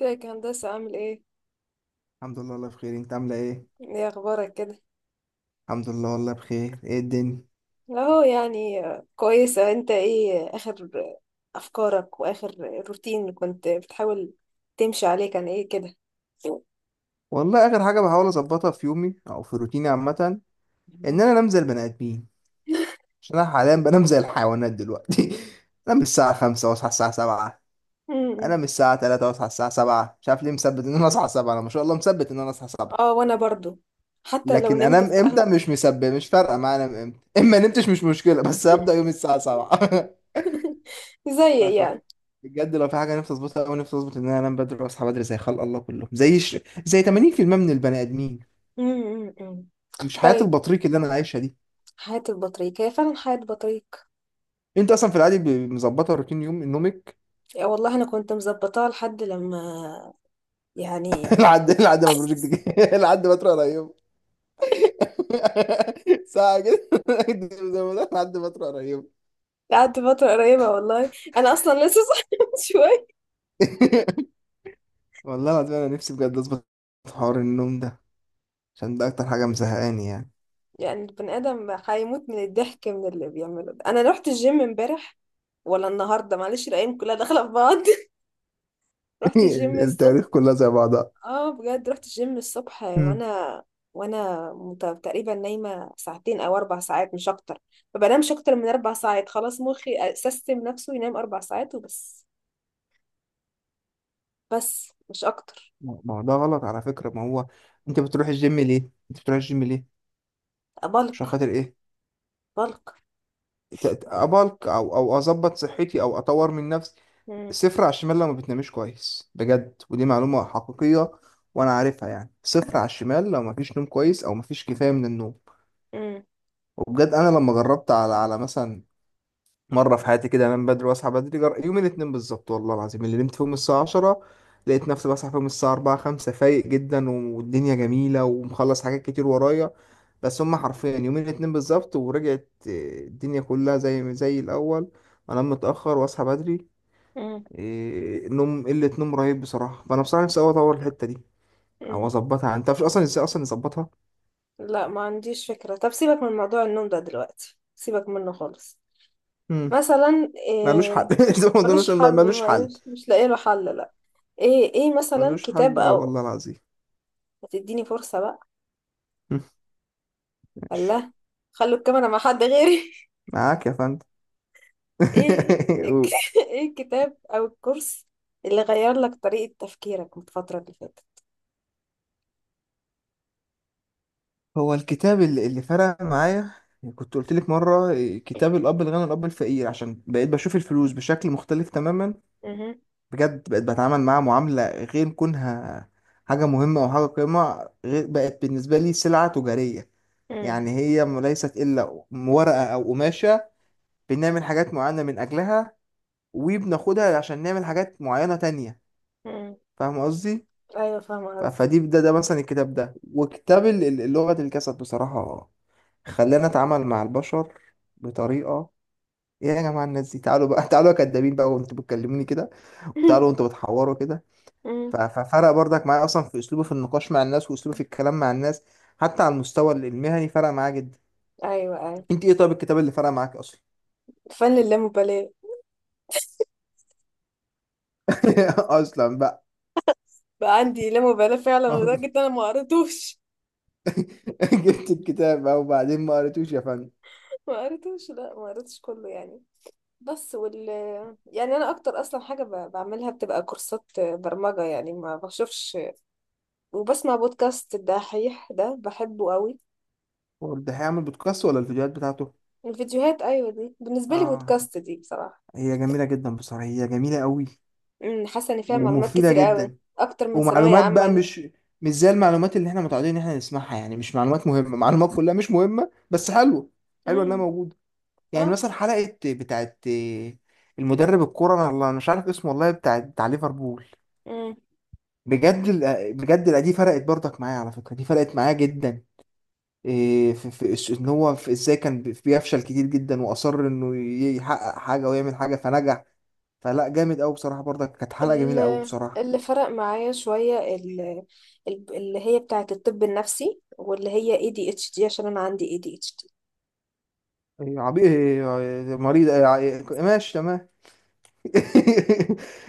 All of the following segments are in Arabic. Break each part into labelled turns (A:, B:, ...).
A: ازيك يا هندسة، عامل ايه؟
B: الحمد لله، والله بخير. انت عامله ايه؟
A: ايه اخبارك كده؟
B: الحمد لله، والله بخير. ايه الدنيا؟
A: اهو يعني كويسة. انت ايه اخر افكارك واخر روتين اللي كنت بتحاول تمشي عليه، كان ايه كده؟
B: والله اخر حاجه بحاول اظبطها في يومي او في روتيني عامه ان
A: مم.
B: انا انام زي البني ادمين. عشان انا حاليا بنام زي الحيوانات دلوقتي انام الساعه 5 واصحى الساعه 7،
A: مم.
B: انام الساعه 3 واصحى الساعه 7، مش عارف ليه مثبت ان انا اصحى 7. انا ما شاء الله مثبت ان انا اصحى 7،
A: اه وانا برضو حتى لو
B: لكن
A: نمت
B: انام
A: الساعة.
B: امتى مش مثبت، مش فارقه معايا انام امتى اما نمتش، مش مشكله بس هبدا يومي الساعه 7 ف
A: زي
B: ف-
A: يعني.
B: بجد لو في حاجه نفسي اظبطها قوي، نفسي اظبط ان انا انام بدري واصحى بدري زي خلق الله كلهم، زي 80% من البني ادمين،
A: مم. مم.
B: مش حياه
A: طيب،
B: البطريق اللي انا عايشها دي.
A: حياة البطريق هي فعلا حياة بطريق.
B: انت اصلا في العادي مظبطه روتين يوم نومك؟
A: يا والله انا كنت مظبطاها لحد لما يعني.
B: لحد ما البروجكت جه لحد ما تروح على يوم ساعه كده زي ما قلت، لحد ما تروح على يوم.
A: قعدت فترة قريبة والله. أنا أصلا لسه صاحية من شوية.
B: والله العظيم انا نفسي بجد اظبط حوار النوم ده، عشان ده اكتر حاجه مزهقاني يعني.
A: يعني البني آدم هيموت من الضحك من اللي بيعمله ده. أنا رحت الجيم امبارح ولا النهاردة؟ معلش، الأيام كلها داخلة في بعض. رحت الجيم الصبح.
B: التاريخ كلها زي بعضها.
A: اه بجد رحت الجيم الصبح وأنا تقريبا نايمة ساعتين أو أربع ساعات مش أكتر. ما بنامش أكتر من أربع ساعات، خلاص مخي سيستم نفسه ينام أربع ساعات وبس، بس مش أكتر.
B: ما هو ده غلط على فكرة. ما هو، انت بتروح الجيم ليه؟ انت بتروح الجيم ليه؟ عشان
A: بلق.
B: خاطر ايه؟
A: بلق.
B: ابلك او اظبط صحتي او اطور من نفسي.
A: مم.
B: صفر على الشمال لو ما بتنامش كويس، بجد، ودي معلومة حقيقية وانا عارفها. يعني صفر على الشمال لو ما فيش نوم كويس او ما فيش كفاية من النوم.
A: مم.
B: وبجد انا لما جربت على مثلا مره في حياتي كده انام بدري واصحى بدري، يوم الاثنين بالظبط والله العظيم اللي نمت فيهم الساعه 10، لقيت نفسي بصحى فيهم الساعه 4 5 فايق جدا والدنيا جميله ومخلص حاجات كتير ورايا، بس هم حرفيا يومين الاثنين بالظبط، ورجعت الدنيا كلها زي الاول، انام متاخر واصحى بدري.
A: مم.
B: نوم قله، نوم رهيب بصراحه. فانا بصراحه نفسي أوي اطور الحته دي او
A: مم.
B: اظبطها. انت مش اصلا، ازاي اصلا نظبطها؟
A: لا ما عنديش فكرة. طب سيبك من موضوع النوم ده دلوقتي، سيبك منه خالص.
B: مم.
A: مثلا
B: ملوش حل
A: إيه؟
B: زي ما قلنا، ملوش
A: ملوش حل.
B: ملوش حل.
A: ملوش، مش لاقي له حل. لا. ايه مثلا
B: ملوش حل،
A: كتاب
B: اه
A: او...
B: والله العظيم.
A: هتديني فرصة بقى؟
B: مم. ماشي.
A: الله. خلوا الكاميرا مع حد غيري.
B: معاك يا فندم.
A: ايه ايه الكتاب او الكورس اللي غير لك طريقة تفكيرك من الفترة اللي فاتت؟
B: هو الكتاب اللي فرق معايا، كنت قلت لك مره، كتاب الاب الغني والاب الفقير، عشان بقيت بشوف الفلوس بشكل مختلف تماما.
A: مهم.
B: بجد بقيت بتعامل معاها معامله غير كونها حاجه مهمه او حاجه قيمه، غير بقت بالنسبه لي سلعه تجاريه.
A: مم.
B: يعني هي ليست الا ورقه او قماشه بنعمل حاجات معينه من اجلها، وبناخدها عشان نعمل حاجات معينه تانية،
A: مم.
B: فاهم قصدي؟
A: ايوه فاهمة قصدي.
B: فدي ده مثلا، الكتاب ده وكتاب لغه الجسد، بصراحه خلانا اتعامل مع البشر بطريقه: ايه يا جماعه الناس دي، تعالوا بقى تعالوا يا كدابين بقى وانتوا بتكلموني كده، وتعالوا وانتوا بتحوروا كده.
A: مم.
B: ففرق برضك معايا اصلا في اسلوبه في النقاش مع الناس، واسلوبه في الكلام مع الناس. حتى على المستوى المهني فرق معايا جدا.
A: ايوه، ايوه.
B: انت ايه طيب الكتاب اللي فرق معاك اصلا؟
A: فن اللامبالاة.
B: اصلا بقى؟
A: بقى عندي لامبالاة فعلا لدرجة ان انا ما قريتوش.
B: جبت الكتاب بقى وبعدين ما قريتوش يا فندم؟
A: ما قريتوش. لا ما قريتش كله يعني، بس يعني انا اكتر اصلا حاجه بعملها بتبقى كورسات برمجه، يعني ما بشوفش. وبسمع بودكاست الدحيح ده، بحبه قوي.
B: هو ده هيعمل بودكاست ولا الفيديوهات بتاعته؟
A: الفيديوهات، ايوه، دي بالنسبه لي
B: اه.
A: بودكاست دي بصراحه.
B: هي جميله جدا بصراحه، هي جميله قوي،
A: حاسه ان فيها معلومات
B: ومفيده
A: كتير قوي
B: جدا.
A: اكتر من ثانويه
B: ومعلومات بقى
A: عامه.
B: مش زي المعلومات اللي احنا متعودين ان احنا نسمعها، يعني مش معلومات مهمة، معلومات كلها مش مهمة بس حلوة، حلوة
A: امم
B: انها موجودة.
A: اه
B: يعني مثلا حلقة بتاعت المدرب الكورة، انا والله مش عارف اسمه، والله بتاع ليفربول،
A: امم
B: بجد بجد، لا، دي فرقت برضك معايا على فكرة، دي فرقت معايا جدا. في ان هو، في ازاي كان بيفشل كتير جدا واصر انه يحقق حاجة ويعمل حاجة فنجح، فلا جامد قوي بصراحة، برضك كانت حلقة جميلة قوي
A: ال-
B: بصراحة.
A: اللي فرق معايا شويه اللي هي بتاعه الطب النفسي، واللي هي اي دي اتش دي، عشان انا عندي اي دي اتش دي.
B: عبي، مريض، إيه، إيه، ماشي تمام.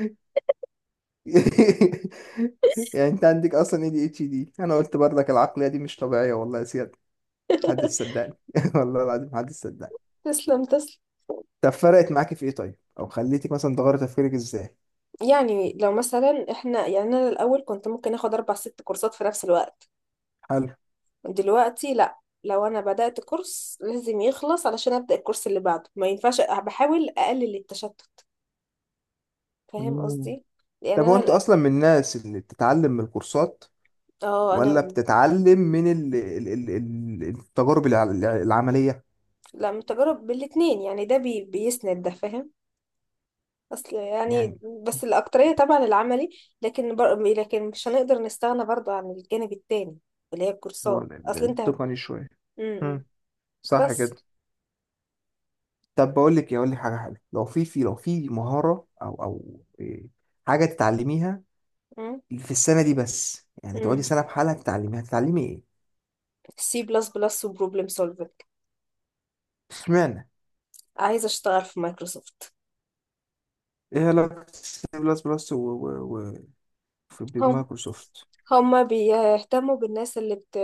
B: يعني انت عندك اصلا اي دي اتش دي، انا قلت برضك العقلية دي مش طبيعية والله يا سياد، محدش صدقني والله العظيم محدش صدقني.
A: تسلم، تسلم.
B: طب فرقت معاكي في ايه طيب، او خليتك مثلا تغيري تفكيرك ازاي؟
A: يعني لو مثلا احنا، يعني انا الاول كنت ممكن اخد اربع ست كورسات في نفس الوقت.
B: حلو.
A: دلوقتي لا، لو انا بدأت كورس لازم يخلص علشان ابدأ الكورس اللي بعده، ما ينفعش، بحاول اقلل التشتت. فاهم
B: مم.
A: قصدي؟ لان
B: طب هو
A: انا
B: انت
A: لا.
B: اصلا من الناس اللي بتتعلم من الكورسات،
A: اه انا
B: ولا بتتعلم من التجارب العملية،
A: لا، من تجارب، بالاتنين يعني، ده بي بيسند ده، فاهم. اصل يعني،
B: يعني
A: بس الاكترية طبعا العملي، لكن لكن مش هنقدر نستغنى برضو عن الجانب التاني اللي هي
B: اللي هو
A: الكورسات. اصل انت هت-
B: التقني شوية.
A: م- م.
B: مم. صح كده.
A: بس
B: طب بقول لك إيه، اقول لك حاجه حلوه، لو في لو في مهاره او او حاجه تتعلميها
A: م-
B: في السنه دي، بس يعني تقعدي
A: م.
B: سنه بحالها تتعلميها، تتعلمي ايه؟
A: سي بلس بلس وبروبلم سولفنج.
B: اشمعنى؟
A: عايزة اشتغل في مايكروسوفت.
B: ايه علاقه سي بلس بلس و
A: هم
B: بمايكروسوفت؟
A: هما بيهتموا بالناس اللي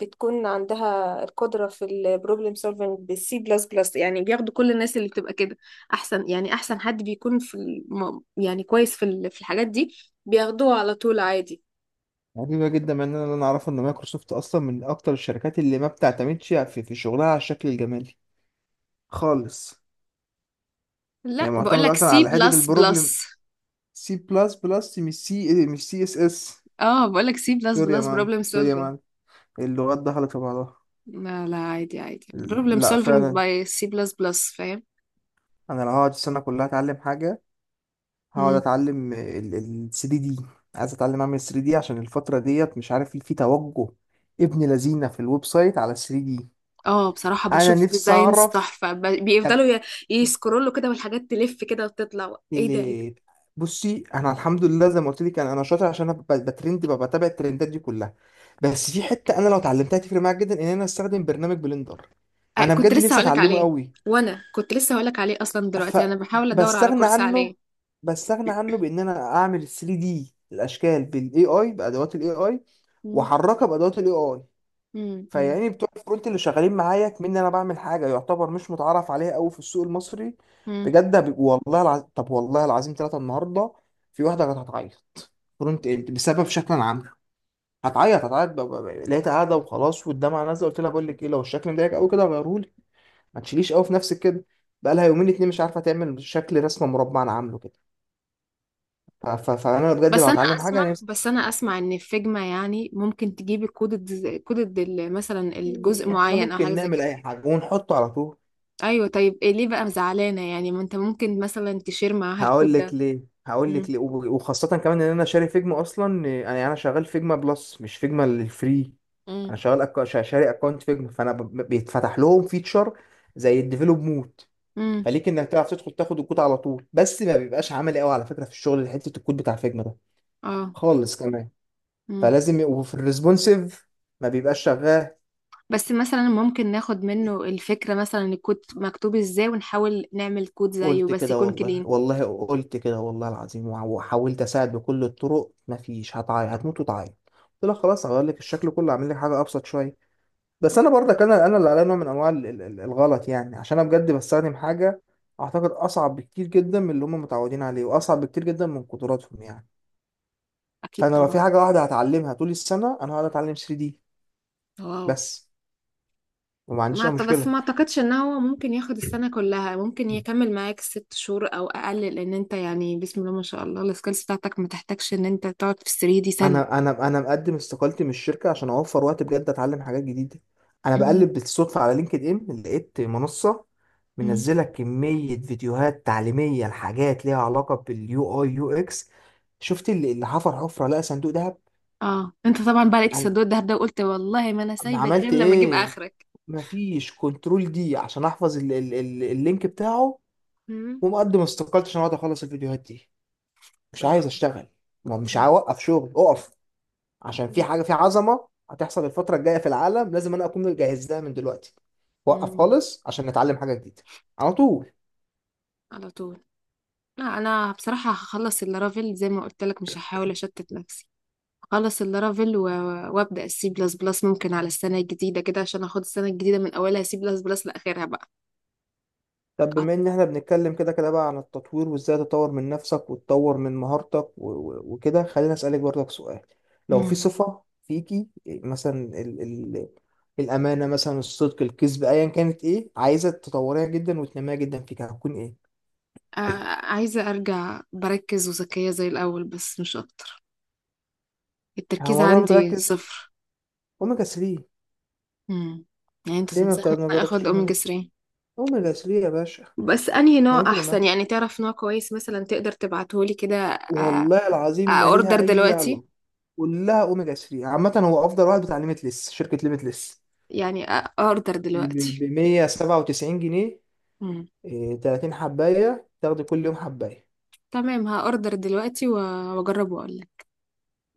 A: بتكون عندها القدرة في البروبلم سولفنج بالسي بلس بلس يعني. بياخدوا كل الناس اللي بتبقى كده أحسن، يعني أحسن حد بيكون في يعني كويس في في الحاجات دي، بياخدوه على طول عادي.
B: غريبة جدا، من ان انا اعرف ان مايكروسوفت اصلا من اكتر الشركات اللي ما بتعتمدش في شغلها على الشكل الجمالي خالص. هي
A: لا
B: معتمدة
A: بقولك
B: اكتر
A: سي
B: على حتة
A: بلس
B: البروبلم.
A: بلس.
B: سي بلس بلس، مش سي، مش سي اس اس.
A: اه بقولك سي بلس
B: سوري يا
A: بلس
B: معلم،
A: بروبلم
B: سوري يا
A: سولفينج.
B: معلم، اللغات دخلت في بعضها.
A: لا لا، عادي عادي، بروبلم
B: لا
A: سولفينج
B: فعلا،
A: باي سي بلس بلس، فاهم.
B: انا لو هقعد السنه كلها اتعلم حاجه، هقعد اتعلم ال 3 دي. عايز اتعلم اعمل 3 دي عشان الفتره ديت مش عارف في توجه ابن لذينه في الويب سايت على 3 دي.
A: اه بصراحة
B: انا
A: بشوف
B: نفسي
A: ديزاينز
B: اعرف.
A: تحفة،
B: طب
A: بيفضلوا يسكرولوا كده والحاجات تلف كده وتطلع، ايه ده ايه ده.
B: ال- بصي، انا الحمد لله زي ما قلت لك، انا شاطر، عشان انا بترند، ببقى بتابع الترندات دي كلها. بس في حته انا لو اتعلمتها تفرق معايا جدا، ان انا استخدم برنامج بلندر.
A: آه،
B: انا
A: كنت
B: بجد
A: لسه
B: نفسي
A: هقولك
B: اتعلمه
A: عليه.
B: قوي.
A: وانا كنت لسه هقولك عليه اصلا، دلوقتي انا بحاول ادور على
B: فبستغنى
A: كورس عليه.
B: عنه، بستغنى عنه بان انا اعمل 3 دي الاشكال بالاي اي، بادوات الاي اي،
A: مم.
B: واحركها بادوات الاي اي.
A: مم. مم.
B: فيعني بتوع الفرونت اللي شغالين معايا كمان، انا بعمل حاجه يعتبر مش متعرف عليها قوي في السوق المصري.
A: مم.
B: بجد والله العظيم، طب والله العظيم ثلاثه النهارده في واحده كانت هتعيط، فرونت اند، بسبب شكلا عام، هتعيط، هتعيط، لقيتها قاعده وخلاص والدمعه نازله، قلت لها بقول لك ايه، لو الشكل مضايقك قوي كده غيره، ما تشيليش قوي في نفسك كده. بقى لها يومين اتنين مش عارفه تعمل شكل رسمه مربع انا عامله كده. فانا بجد لو
A: بس انا
B: هتعلم حاجه
A: اسمع
B: انا نفسي.
A: بس انا اسمع ان في فيجما يعني، ممكن تجيبي كود كود مثلا الجزء
B: احنا
A: معين او حاجة
B: ممكن
A: زي
B: نعمل
A: كده.
B: اي حاجه ونحطه على طول.
A: ايوه، طيب إيه، ليه بقى زعلانة يعني؟ ما انت ممكن مثلا تشير معاها
B: هقول
A: الكود
B: لك
A: ده.
B: ليه، هقول لك
A: مم.
B: ليه، وخاصه كمان ان انا شاري فيجما اصلا، انا شغال فيجما بلس، مش فيجما الفري.
A: مم.
B: انا شغال شاري اكونت فيجما، فانا بيتفتح لهم فيتشر زي الديفلوب مود،
A: مم.
B: فليك انك تعرف تدخل تاخد الكود على طول، بس ما بيبقاش عملي قوي على فكره في الشغل، حته الكود بتاع فيجما ده
A: اه.
B: خالص كمان،
A: مم.
B: فلازم يبقوا في الريسبونسيف، ما بيبقاش شغال.
A: بس مثلا ممكن ناخد منه الفكرة، مثلا الكود مكتوب ازاي، ونحاول نعمل كود زيه
B: قلت
A: بس
B: كده
A: يكون
B: والله،
A: كلين.
B: والله قلت كده والله العظيم وحاولت اساعد بكل الطرق مفيش، هتعيط هتموت وتعيط. قلت لها خلاص هغير لك الشكل كله، اعمل لك حاجه ابسط شويه. بس انا برضك، انا اللي عليا نوع من انواع الغلط يعني، عشان انا بجد بستخدم حاجه اعتقد اصعب بكتير جدا من اللي هم متعودين عليه، واصعب بكتير جدا من قدراتهم يعني.
A: اكيد
B: فانا لو في
A: طبعا.
B: حاجه واحده هتعلمها طول السنه، انا هقعد اتعلم 3 دي
A: واو.
B: بس، وما عنديش
A: ما
B: اي
A: أعت- بس
B: مشكله.
A: ما اعتقدش ان هو ممكن ياخد السنة كلها، ممكن يكمل معاك ست شهور او اقل، لان انت يعني، بسم الله ما شاء الله، السكيلز بتاعتك ما تحتاجش ان انت تقعد في السرير دي سنة.
B: انا مقدم استقالتي من الشركه، عشان اوفر وقت بجد اتعلم حاجات جديده. انا
A: مم.
B: بقلب بالصدفه على لينكد ان، لقيت منصه
A: مم.
B: منزله كميه فيديوهات تعليميه لحاجات ليها علاقه باليو اي يو اكس، شفت اللي حفر حفره لقى صندوق دهب.
A: اه انت طبعا بقى لقيت
B: انا
A: السدود ده وقلت والله ما انا سايبك غير
B: عملت
A: لما اجيب
B: ايه؟
A: اخرك.
B: مفيش كنترول دي عشان احفظ ال ال ال اللينك بتاعه،
A: مم.
B: ومقدم استقالتي عشان اقعد اخلص الفيديوهات دي. مش
A: اه.
B: عايز اشتغل، ما مش
A: مم.
B: عايز اوقف شغل، اقف عشان في
A: مم.
B: حاجه في عظمه هتحصل الفتره الجايه في العالم، لازم انا اكون مجهز لها من دلوقتي. وقف
A: مم.
B: خالص عشان نتعلم حاجه جديده، على طول.
A: على طول. لا انا بصراحه هخلص اللارافيل زي ما قلت لك، مش هحاول اشتت نفسي. هخلص اللارافيل وابدا السي بلس بلس، ممكن على السنه الجديده كده، عشان اخد السنه الجديده من اولها سي بلس بلس لاخرها بقى.
B: طب
A: أط-
B: بما ان احنا بنتكلم كده كده بقى عن التطوير، وازاي تطور من نفسك وتطور من مهارتك وكده، خليني اسالك برضك سؤال. لو في
A: مم.
B: صفه فيكي مثلا ال ال الامانه مثلا، الصدق، الكذب، ايا كانت، ايه عايزه تطوريها جدا وتنميها جدا فيك هتكون ايه؟
A: آه، عايزه ارجع بركز وذكيه زي الاول، بس مش اكتر.
B: هو
A: التركيز
B: الموضوع
A: عندي
B: بتركز،
A: صفر.
B: اوميجا 3.
A: مم. يعني انت
B: ليه ما
A: تنصحني إن
B: ما
A: أنا اخد
B: جربتش
A: اوميجا
B: اوميجا؟
A: 3؟
B: اوميجا 3 يا باشا،
A: بس انهي نوع
B: هيفرق معاك
A: احسن يعني، تعرف نوع كويس مثلا تقدر تبعتهولي كده؟ آه،
B: والله العظيم.
A: آه،
B: ما
A: اوردر
B: ليها اي
A: دلوقتي.
B: علاقه، كلها اوميجا 3 عامه، هو افضل واحد بتاع ليميتلس، شركه ليميتلس،
A: يعني آه، اوردر
B: ب
A: دلوقتي.
B: 197 جنيه، 30 حبايه، تاخدي كل يوم حبايه.
A: تمام، هأوردر دلوقتي وأجرب وأقولك.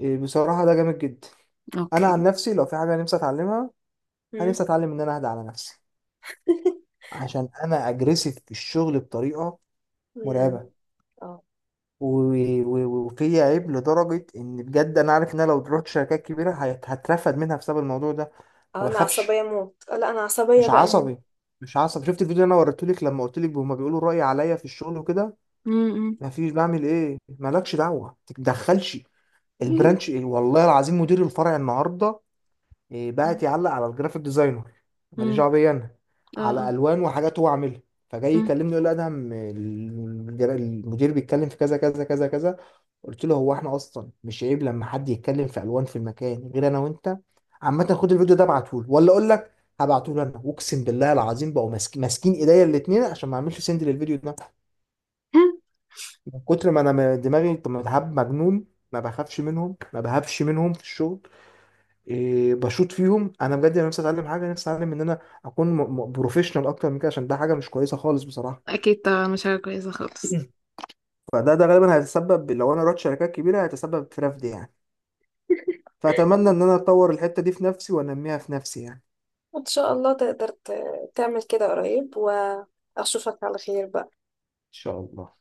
B: بصراحه ده جامد جدا. انا عن
A: أوكي.
B: نفسي لو في حاجه، أنا نفسي اتعلمها، انا
A: مم.
B: نفسي اتعلم ان انا اهدى على نفسي، عشان انا اجريسيف في الشغل بطريقه
A: مم.
B: مرعبه،
A: اه،
B: وفي عيب لدرجه ان بجد انا عارف ان انا لو رحت شركات كبيره هترفد منها بسبب الموضوع ده،
A: اه
B: ما
A: انا عصبية
B: بخافش.
A: موت. آه، لا انا عصبية
B: مش
A: بقى موت.
B: عصبي، مش عصبي. شفت الفيديو اللي انا وريتهولك لما قلت لك هما بيقولوا رأي عليا في الشغل وكده؟
A: امم
B: مفيش، بعمل ايه؟ مالكش دعوة، ما تتدخلش. البرانش إيه؟ والله العظيم مدير الفرع النهارده
A: امم
B: بقت يعلق على الجرافيك ديزاينر، ماليش دعوه بيا انا،
A: اه.
B: على
A: آه.
B: الوان وحاجات هو عاملها، فجاي
A: مم.
B: يكلمني يقول لي ادهم المدير بيتكلم في كذا كذا كذا كذا. قلت له هو احنا اصلا مش عيب لما حد يتكلم في الوان في المكان غير انا وانت؟ عامه خد الفيديو ده ابعته له، ولا اقول لك هبعته له انا، اقسم بالله العظيم بقوا ماسكين ايديا الاثنين عشان ما اعملش سند للفيديو ده، من كتر ما انا دماغي طب متعب مجنون. ما بخافش منهم، ما بهابش منهم في الشغل، بشوط فيهم. انا بجد انا نفسي اتعلم حاجه، نفسي اتعلم ان انا اكون بروفيشنال اكتر من كده، عشان ده حاجه مش كويسه خالص بصراحه.
A: أكيد طبعا مش حاجة كويسة خالص.
B: فده ده غالبا هيتسبب، لو انا رحت شركات كبيره هيتسبب في رفض يعني، فاتمنى ان انا اطور الحته دي في نفسي وانميها في نفسي يعني.
A: ان شاء الله تقدر تعمل كده قريب، واشوفك على خير بقى.
B: ان شاء الله.